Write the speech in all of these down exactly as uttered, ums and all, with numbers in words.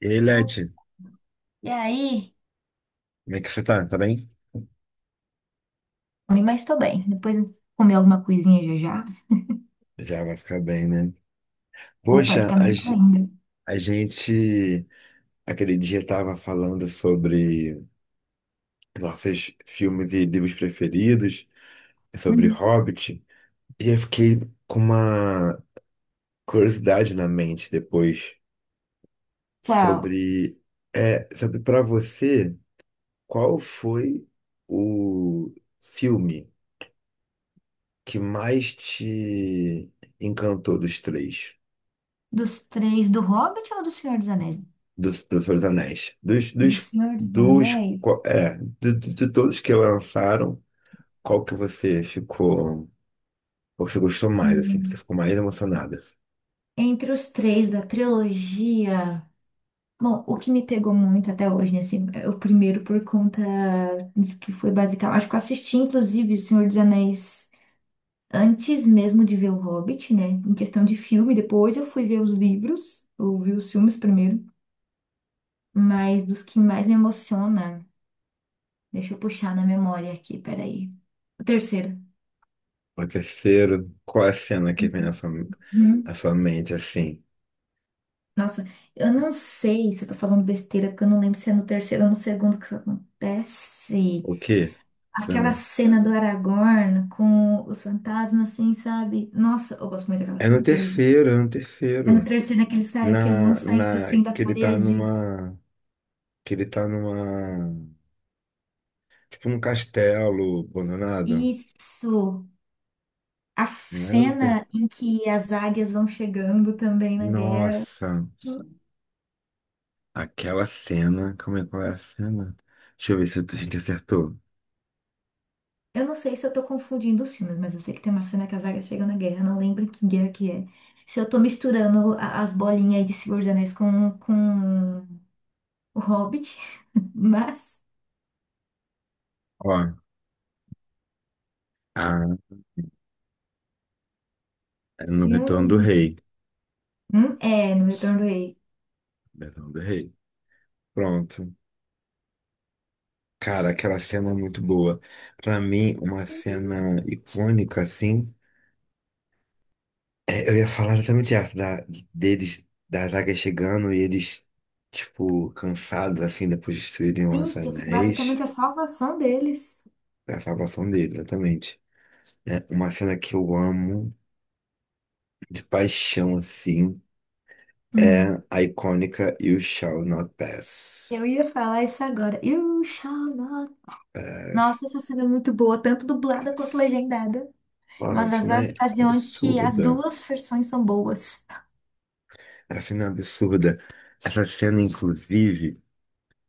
E aí, Oh, Leti, e aí? como é que você tá? Tá bem? Comi, mas tô bem. Depois comer alguma coisinha já já. Já vai ficar bem, né? Ou para Poxa, ficar a, melhor ge- ainda. a gente aquele dia tava falando sobre nossos filmes e livros preferidos, sobre Uhum. Hobbit, e eu fiquei com uma curiosidade na mente depois Qual? sobre, é, sobre para você, qual foi o filme que mais te encantou dos três? Dos três, do Hobbit ou do Senhor dos Anéis? do, do Senhor dos Anéis. Dos, Do dos, Senhor dos dos, Anéis? co- é, de, de- de todos que lançaram, qual que você ficou, qual você gostou mais, assim, que você Hum. ficou mais emocionada? Entre os três da trilogia. Bom, o que me pegou muito até hoje, né? Assim, é o primeiro por conta de que foi basicamente. Acho que eu assisti, inclusive, O Senhor dos Anéis antes mesmo de ver o Hobbit, né? Em questão de filme. Depois eu fui ver os livros. Ouvi os filmes primeiro. Mas dos que mais me emociona, deixa eu puxar na memória aqui, peraí. O terceiro. O terceiro, qual é a cena que vem na sua, Uhum. na sua mente, assim? Nossa, eu não sei se eu tô falando besteira, porque eu não lembro se é no terceiro ou no segundo que isso acontece. O quê? Você Aquela lembra? cena do Aragorn com os fantasmas, assim, sabe? Nossa, eu gosto muito daquela É no cena que eles. terceiro, é no É no terceiro. terceiro, né, que eles saem, que eles vão Na, saindo na, assim da que ele tá parede. numa, que ele tá numa, tipo num castelo abandonado. Isso! A f- Não é no ter- cena em que as águias vão chegando também na guerra. Nossa. Aquela cena. Como é qual é a cena? Deixa eu ver se a gente acertou. Eu não sei se eu tô confundindo os filmes, mas eu sei que tem uma cena que a Zarya chega na guerra, não lembro que guerra que é. Se eu tô misturando a- as bolinhas aí de Senhor dos Anéis com, com o Hobbit, mas Ó, ah, é no se Retorno eu do não. Rei. Hum, é, no Retorno do Rei. Retorno do Rei. Pronto. Cara, aquela cena é muito boa. Pra mim, uma Sim, cena icônica, assim. É, eu ia falar exatamente essa, da, deles, da zaga chegando e eles, tipo, cansados, assim, depois de destruírem os sim, que foi anéis. basicamente a salvação deles. É a salvação deles, exatamente. É uma cena que eu amo de paixão, assim. É Hum, a icônica You Shall Not Pass. eu ia falar isso agora. You shall not. Pass. Nossa, essa cena é muito boa, tanto dublada quanto Pass. legendada. Nossa, a Mas das cena várias é ocasiões que as absurda. duas versões são boas. A cena é absurda. Essa cena, inclusive,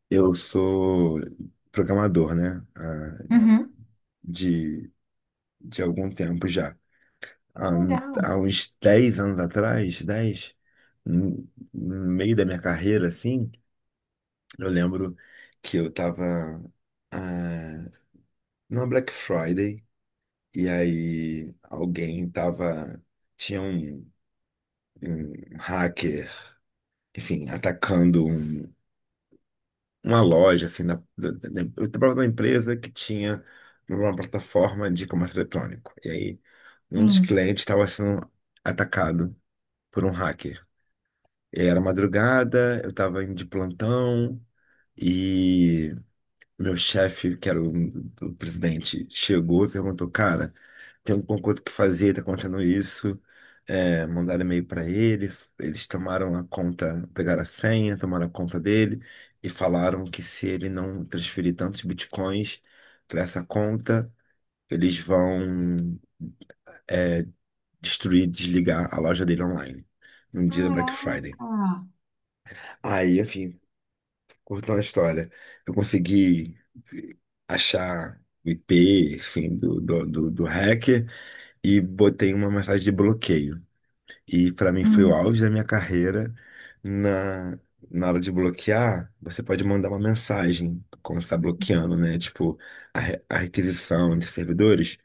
eu sou programador, né? Ah, Uhum. de, de algum tempo já. Há, um- Legal. há uns dez anos atrás, dez no no meio da minha carreira, assim, eu lembro que eu tava ah, numa Black Friday. E aí alguém tava. Tinha um, um hacker, enfim, atacando um- uma loja, assim, na, da, da, da- eu trabalhava numa empresa que tinha uma plataforma de comércio eletrônico. E aí um dos Sim. clientes estava sendo atacado por um hacker. E era madrugada, eu estava indo de plantão e meu chefe, que era o, o presidente, chegou e perguntou, cara. Tem alguma coisa que fazer, tá acontecendo isso. É, mandaram e-mail para ele, eles tomaram a conta, pegaram a senha, tomaram a conta dele e falaram que se ele não transferir tantos bitcoins para essa conta, eles vão destruir, desligar a loja dele online no dia da Black Caraca! Friday. Aí, enfim, cortando a história, eu consegui achar o I P, enfim, do, do, do, do hacker e botei uma mensagem de bloqueio. E para mim foi o Hum, auge da minha carreira. Na, na hora de bloquear, você pode mandar uma mensagem quando você está bloqueando, né? Tipo, a, re- a requisição entre servidores.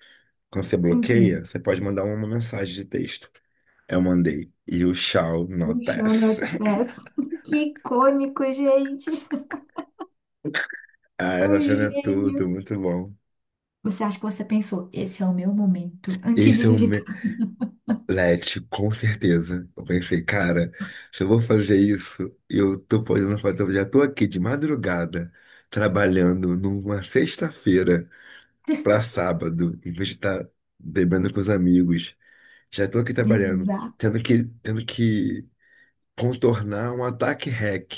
Quando você sim, bloqueia, sim. você pode mandar uma mensagem de texto. Eu mandei. You shall not pass. Luciano, é? Que icônico, gente! Ah, Um essa cena é gênio! tudo, muito bom. Você acha que você pensou, esse é o meu momento, antes de Esse é o, me- digitar. Let, com certeza. Eu pensei, cara, se eu vou fazer isso, eu tô podendo fazer, eu já tô aqui de madrugada, trabalhando numa sexta-feira pra sábado, em vez de estar bebendo com os amigos. Já tô aqui trabalhando, Exa- tendo que, tendo que contornar um ataque hack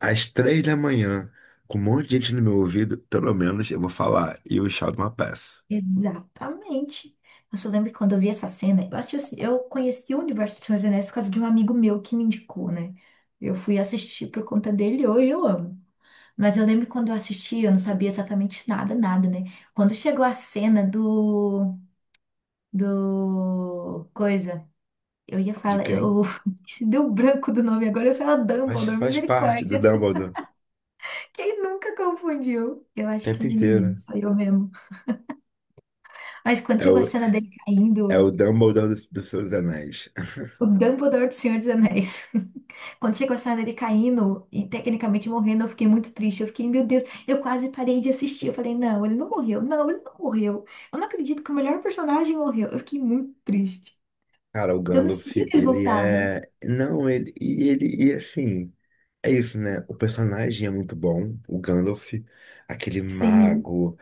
às três da manhã, com um monte de gente no meu ouvido, pelo menos eu vou falar, You Shall Not Pass. Exatamente. Eu só lembro que quando eu vi essa cena, eu, assisti, o ci- eu conheci o universo do Senhor dos Anéis por causa de um amigo meu que me indicou, né? Eu fui assistir por conta dele e hoje eu amo. Mas eu lembro que quando eu assisti, eu não sabia exatamente nada, nada, né? Quando chegou a cena do... do... coisa... Eu ia De falar, quem? eu se deu branco do nome agora, eu ia falar Faz, Dumbledore, faz parte do misericórdia. Dumbledore, o Quem nunca confundiu? Eu acho que tempo ninguém, inteiro. só eu mesmo. Mas quando chegou a cena dele É caindo, o Dumbledore dos, dos Seus Anéis. o Dumbledore do Senhor dos Anéis. Quando chegou a cena dele caindo e tecnicamente morrendo, eu fiquei muito triste. Eu fiquei, meu Deus, eu quase parei de assistir. Eu falei, não, ele não morreu, não, ele não morreu. Eu não acredito que o melhor personagem morreu. Eu fiquei muito triste. Cara, o Eu não Gandalf, sabia que ele ele voltava. é. Não, ele. E ele. E assim. É isso, né? O personagem é muito bom. O Gandalf, aquele Sim. mago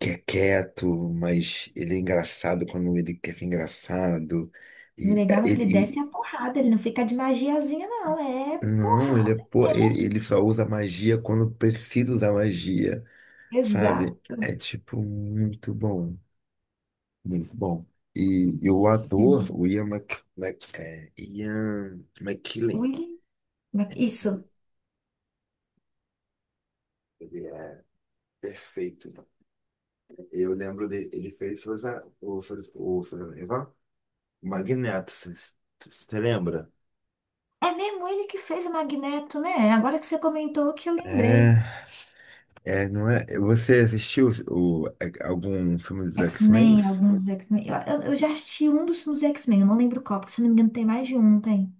que é quieto, mas ele é engraçado quando ele quer ser engraçado. O E é, legal é que ele. ele desce e- a porrada, ele não fica de magiazinha, não. É Não, ele é. porrada. Pô, É ele, mo- ele só usa magia quando precisa usar magia, sabe? exato. É tipo muito bom. Muito bom. E, e o ator, o Sim. Ian, Mc, Mc- é, Ian McKellen, Willy. Ma- Isso. ele é perfeito. Eu lembro dele, ele fez Forza- o, Forza- o, o Magneto, você lembra? É mesmo ele que fez o Magneto, né? Agora que você comentou que eu É. lembrei. É, não é? Você assistiu o, a- algum filme dos X-Men? X-Men, alguns X-Men. Eu, eu- eu já assisti um dos filmes X-Men, eu não lembro qual, porque se eu não me engano tem mais de um, tem.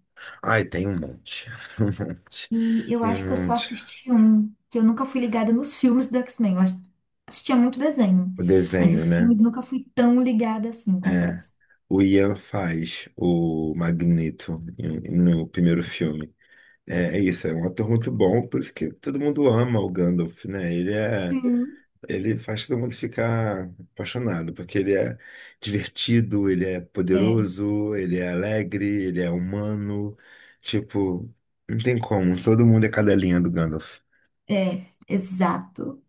Ai, tem um monte. Um monte. E eu Tem um acho que eu só monte. assisti um, que eu nunca fui ligada nos filmes do X-Men. Eu ass- assistia muito desenho, O mas desenho, os né? filmes nunca fui tão ligada assim, É, confesso. o Ian faz o Magneto em- no primeiro filme. É, é isso, é um ator muito bom, por isso que todo mundo ama o Gandalf, né? Ele é, Sim. ele faz todo mundo ficar apaixonado, porque ele é divertido, ele é poderoso, ele é alegre, ele é humano. Tipo, não tem como, todo mundo é cadelinha do Gandalf. É, exato.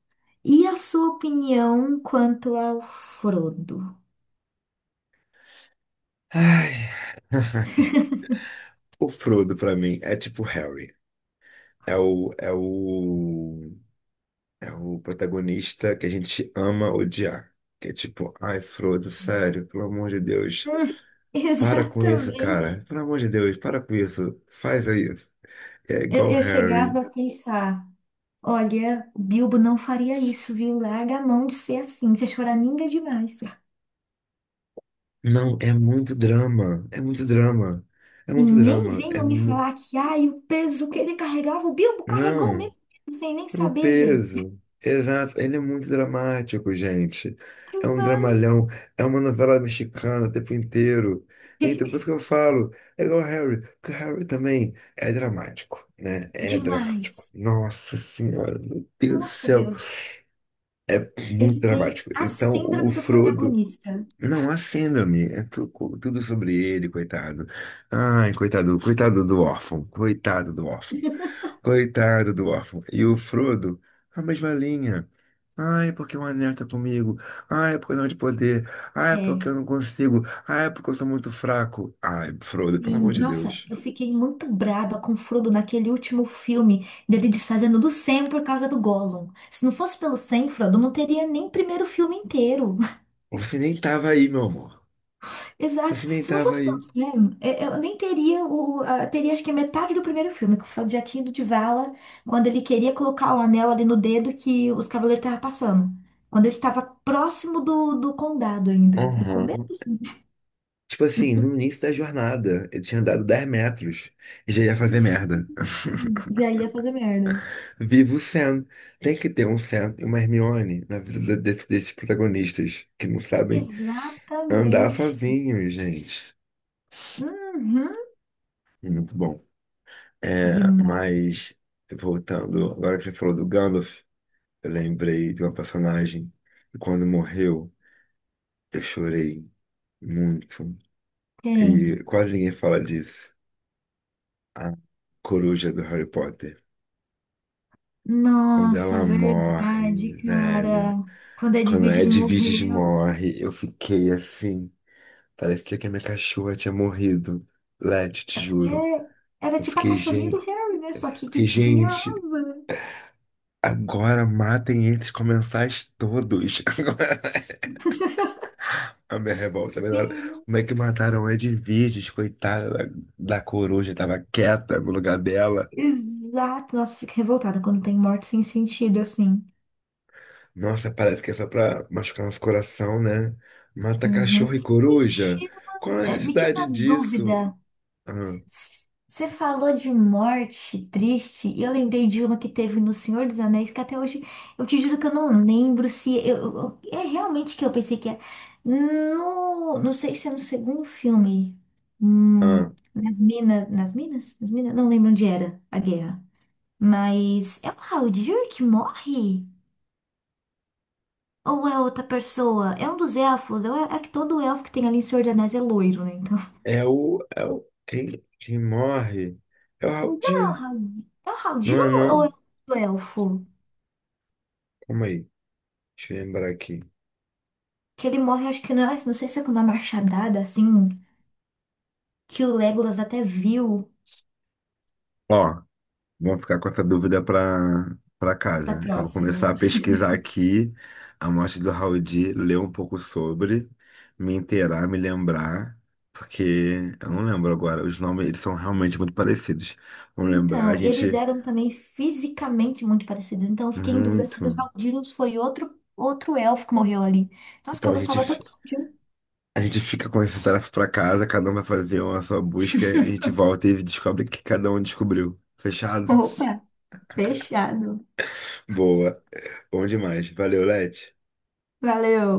E a sua opinião quanto ao Frodo? Ai, o Frodo pra mim é tipo Harry. É o, é o É o protagonista que a gente ama odiar. Que é tipo, ai, Frodo, sério, pelo amor de Deus. Hum, Para com isso, exatamente. cara. Pelo amor de Deus, para com isso. Faz aí. É Eu, igual eu Harry. chegava a pensar, olha, o Bilbo não faria isso, viu? Larga a mão de ser assim, você é choraminga demais. Não, é muito drama. É muito drama. É E muito nem drama. É venham me mu... falar que, ai, o peso que ele carregava, o Bilbo carregou Não. mesmo, sem nem Pro saber, gente. peso. Exato. Ele é muito dramático, gente. É um Demais. dramalhão. É uma novela mexicana o tempo inteiro. Então, por isso que eu falo, é igual Harry, porque Harry também é dramático, né? É dramático. Demais. Nossa Senhora, meu Deus do Nossa, céu. Deus. É muito Ele tem dramático. a Então, o síndrome do Frodo. protagonista. Não, há síndrome, é tu- tudo sobre ele, coitado. Ai, coitado, coitado do órfão, coitado do órfão. Coitado do órfão. E o Frodo, a mesma linha. Ai, porque o anel tá comigo. Ai, porque eu não de poder. Ai, porque eu É. não consigo. Ai, porque eu sou muito fraco. Ai, Frodo, pelo Sim, amor de nossa, Deus. eu fiquei muito braba com o Frodo naquele último filme dele desfazendo do Sam por causa do Gollum. Se não fosse pelo Sam, Frodo não teria nem o primeiro filme inteiro. Você nem tava aí, meu amor. Exato. Você nem Se não tava fosse pelo aí. Sam, eh, eu nem teria o, a- teria acho que a metade do primeiro filme, que o Frodo já tinha ido de vala quando ele queria colocar o anel ali no dedo que os cavaleiros estavam passando. Quando ele estava próximo do, do condado ainda. No começo Uhum. Tipo assim, no início da jornada, ele tinha andado dez metros e já ia do fazer merda. filme, já ia fazer merda. Viva o Sam. Tem que ter um Sam e uma Hermione na vida de- desses protagonistas que não sabem andar Exatamente. sozinhos, gente. Uhum. Muito bom. É, Demais. mas, voltando, agora que você falou do Gandalf, eu lembrei de uma personagem que quando morreu, eu chorei muito. E Tem. quase ninguém fala disso. A coruja do Harry Potter. Quando Nossa, é ela morre, verdade, velho. cara. Quando Ed Quando a Vigis Edwiges morreu, morre, eu fiquei assim. Parecia que a minha cachorra tinha morrido. Led, te juro. é, era Eu tipo a fiquei, cachorrinha do gente. Harry, né? Só que Fiquei, que tinha gente. asa. Agora matem eles comensais todos. A minha revolta, né? Sim, Como é que mataram Edviges, coitada da, da coruja, tava quieta no lugar dela. exato. Nossa, eu fico revoltada quando tem morte sem sentido, assim. Nossa, parece que é só pra machucar nosso coração, né? Mata cachorro Uhum. e Me coruja? tira, Qual uma- a é, me tira necessidade uma disso? dúvida. Ah, Você falou de morte triste, e eu lembrei de uma que teve no Senhor dos Anéis, que até hoje eu te juro que eu não lembro se. Eu, eu- é realmente que eu pensei que é. No, não sei se é no segundo filme. Hum, ah. nas minas. Nas minas? Nas minas? Não lembro onde era a guerra. Mas é o Haldir que morre? Ou é outra pessoa? É um dos elfos. É, o- é que todo elfo que tem ali em Senhor dos Anéis é loiro, né? Então. É o, é o, quem, quem morre é o Raul É o Dias, Haldir. É o Haldir não é ou ou não? é o elfo? Calma aí, deixa eu lembrar aqui. Que ele morre, acho que não, não sei se é com uma machadada, assim, que o Legolas até viu Ó. Vamos ficar com essa dúvida para para da casa. Eu vou começar próxima. a pesquisar aqui a morte do Raul Di, ler um pouco sobre, me inteirar, me lembrar, porque eu não lembro agora. Os nomes eles são realmente muito parecidos. Vamos lembrar, a Então, e eles gente eram também fisicamente muito parecidos. Então, eu fiquei em dúvida se muito. o Haldirus foi outro, outro elfo que morreu ali. Nossa, que Então eu a gente gostava fi- tanto de um. a gente fica com essa tarefa para casa, cada um vai fazer uma sua busca, a gente volta e descobre o que cada um descobriu. Fechado? Opa, fechado. Boa. Bom demais. Valeu, Leti. Valeu.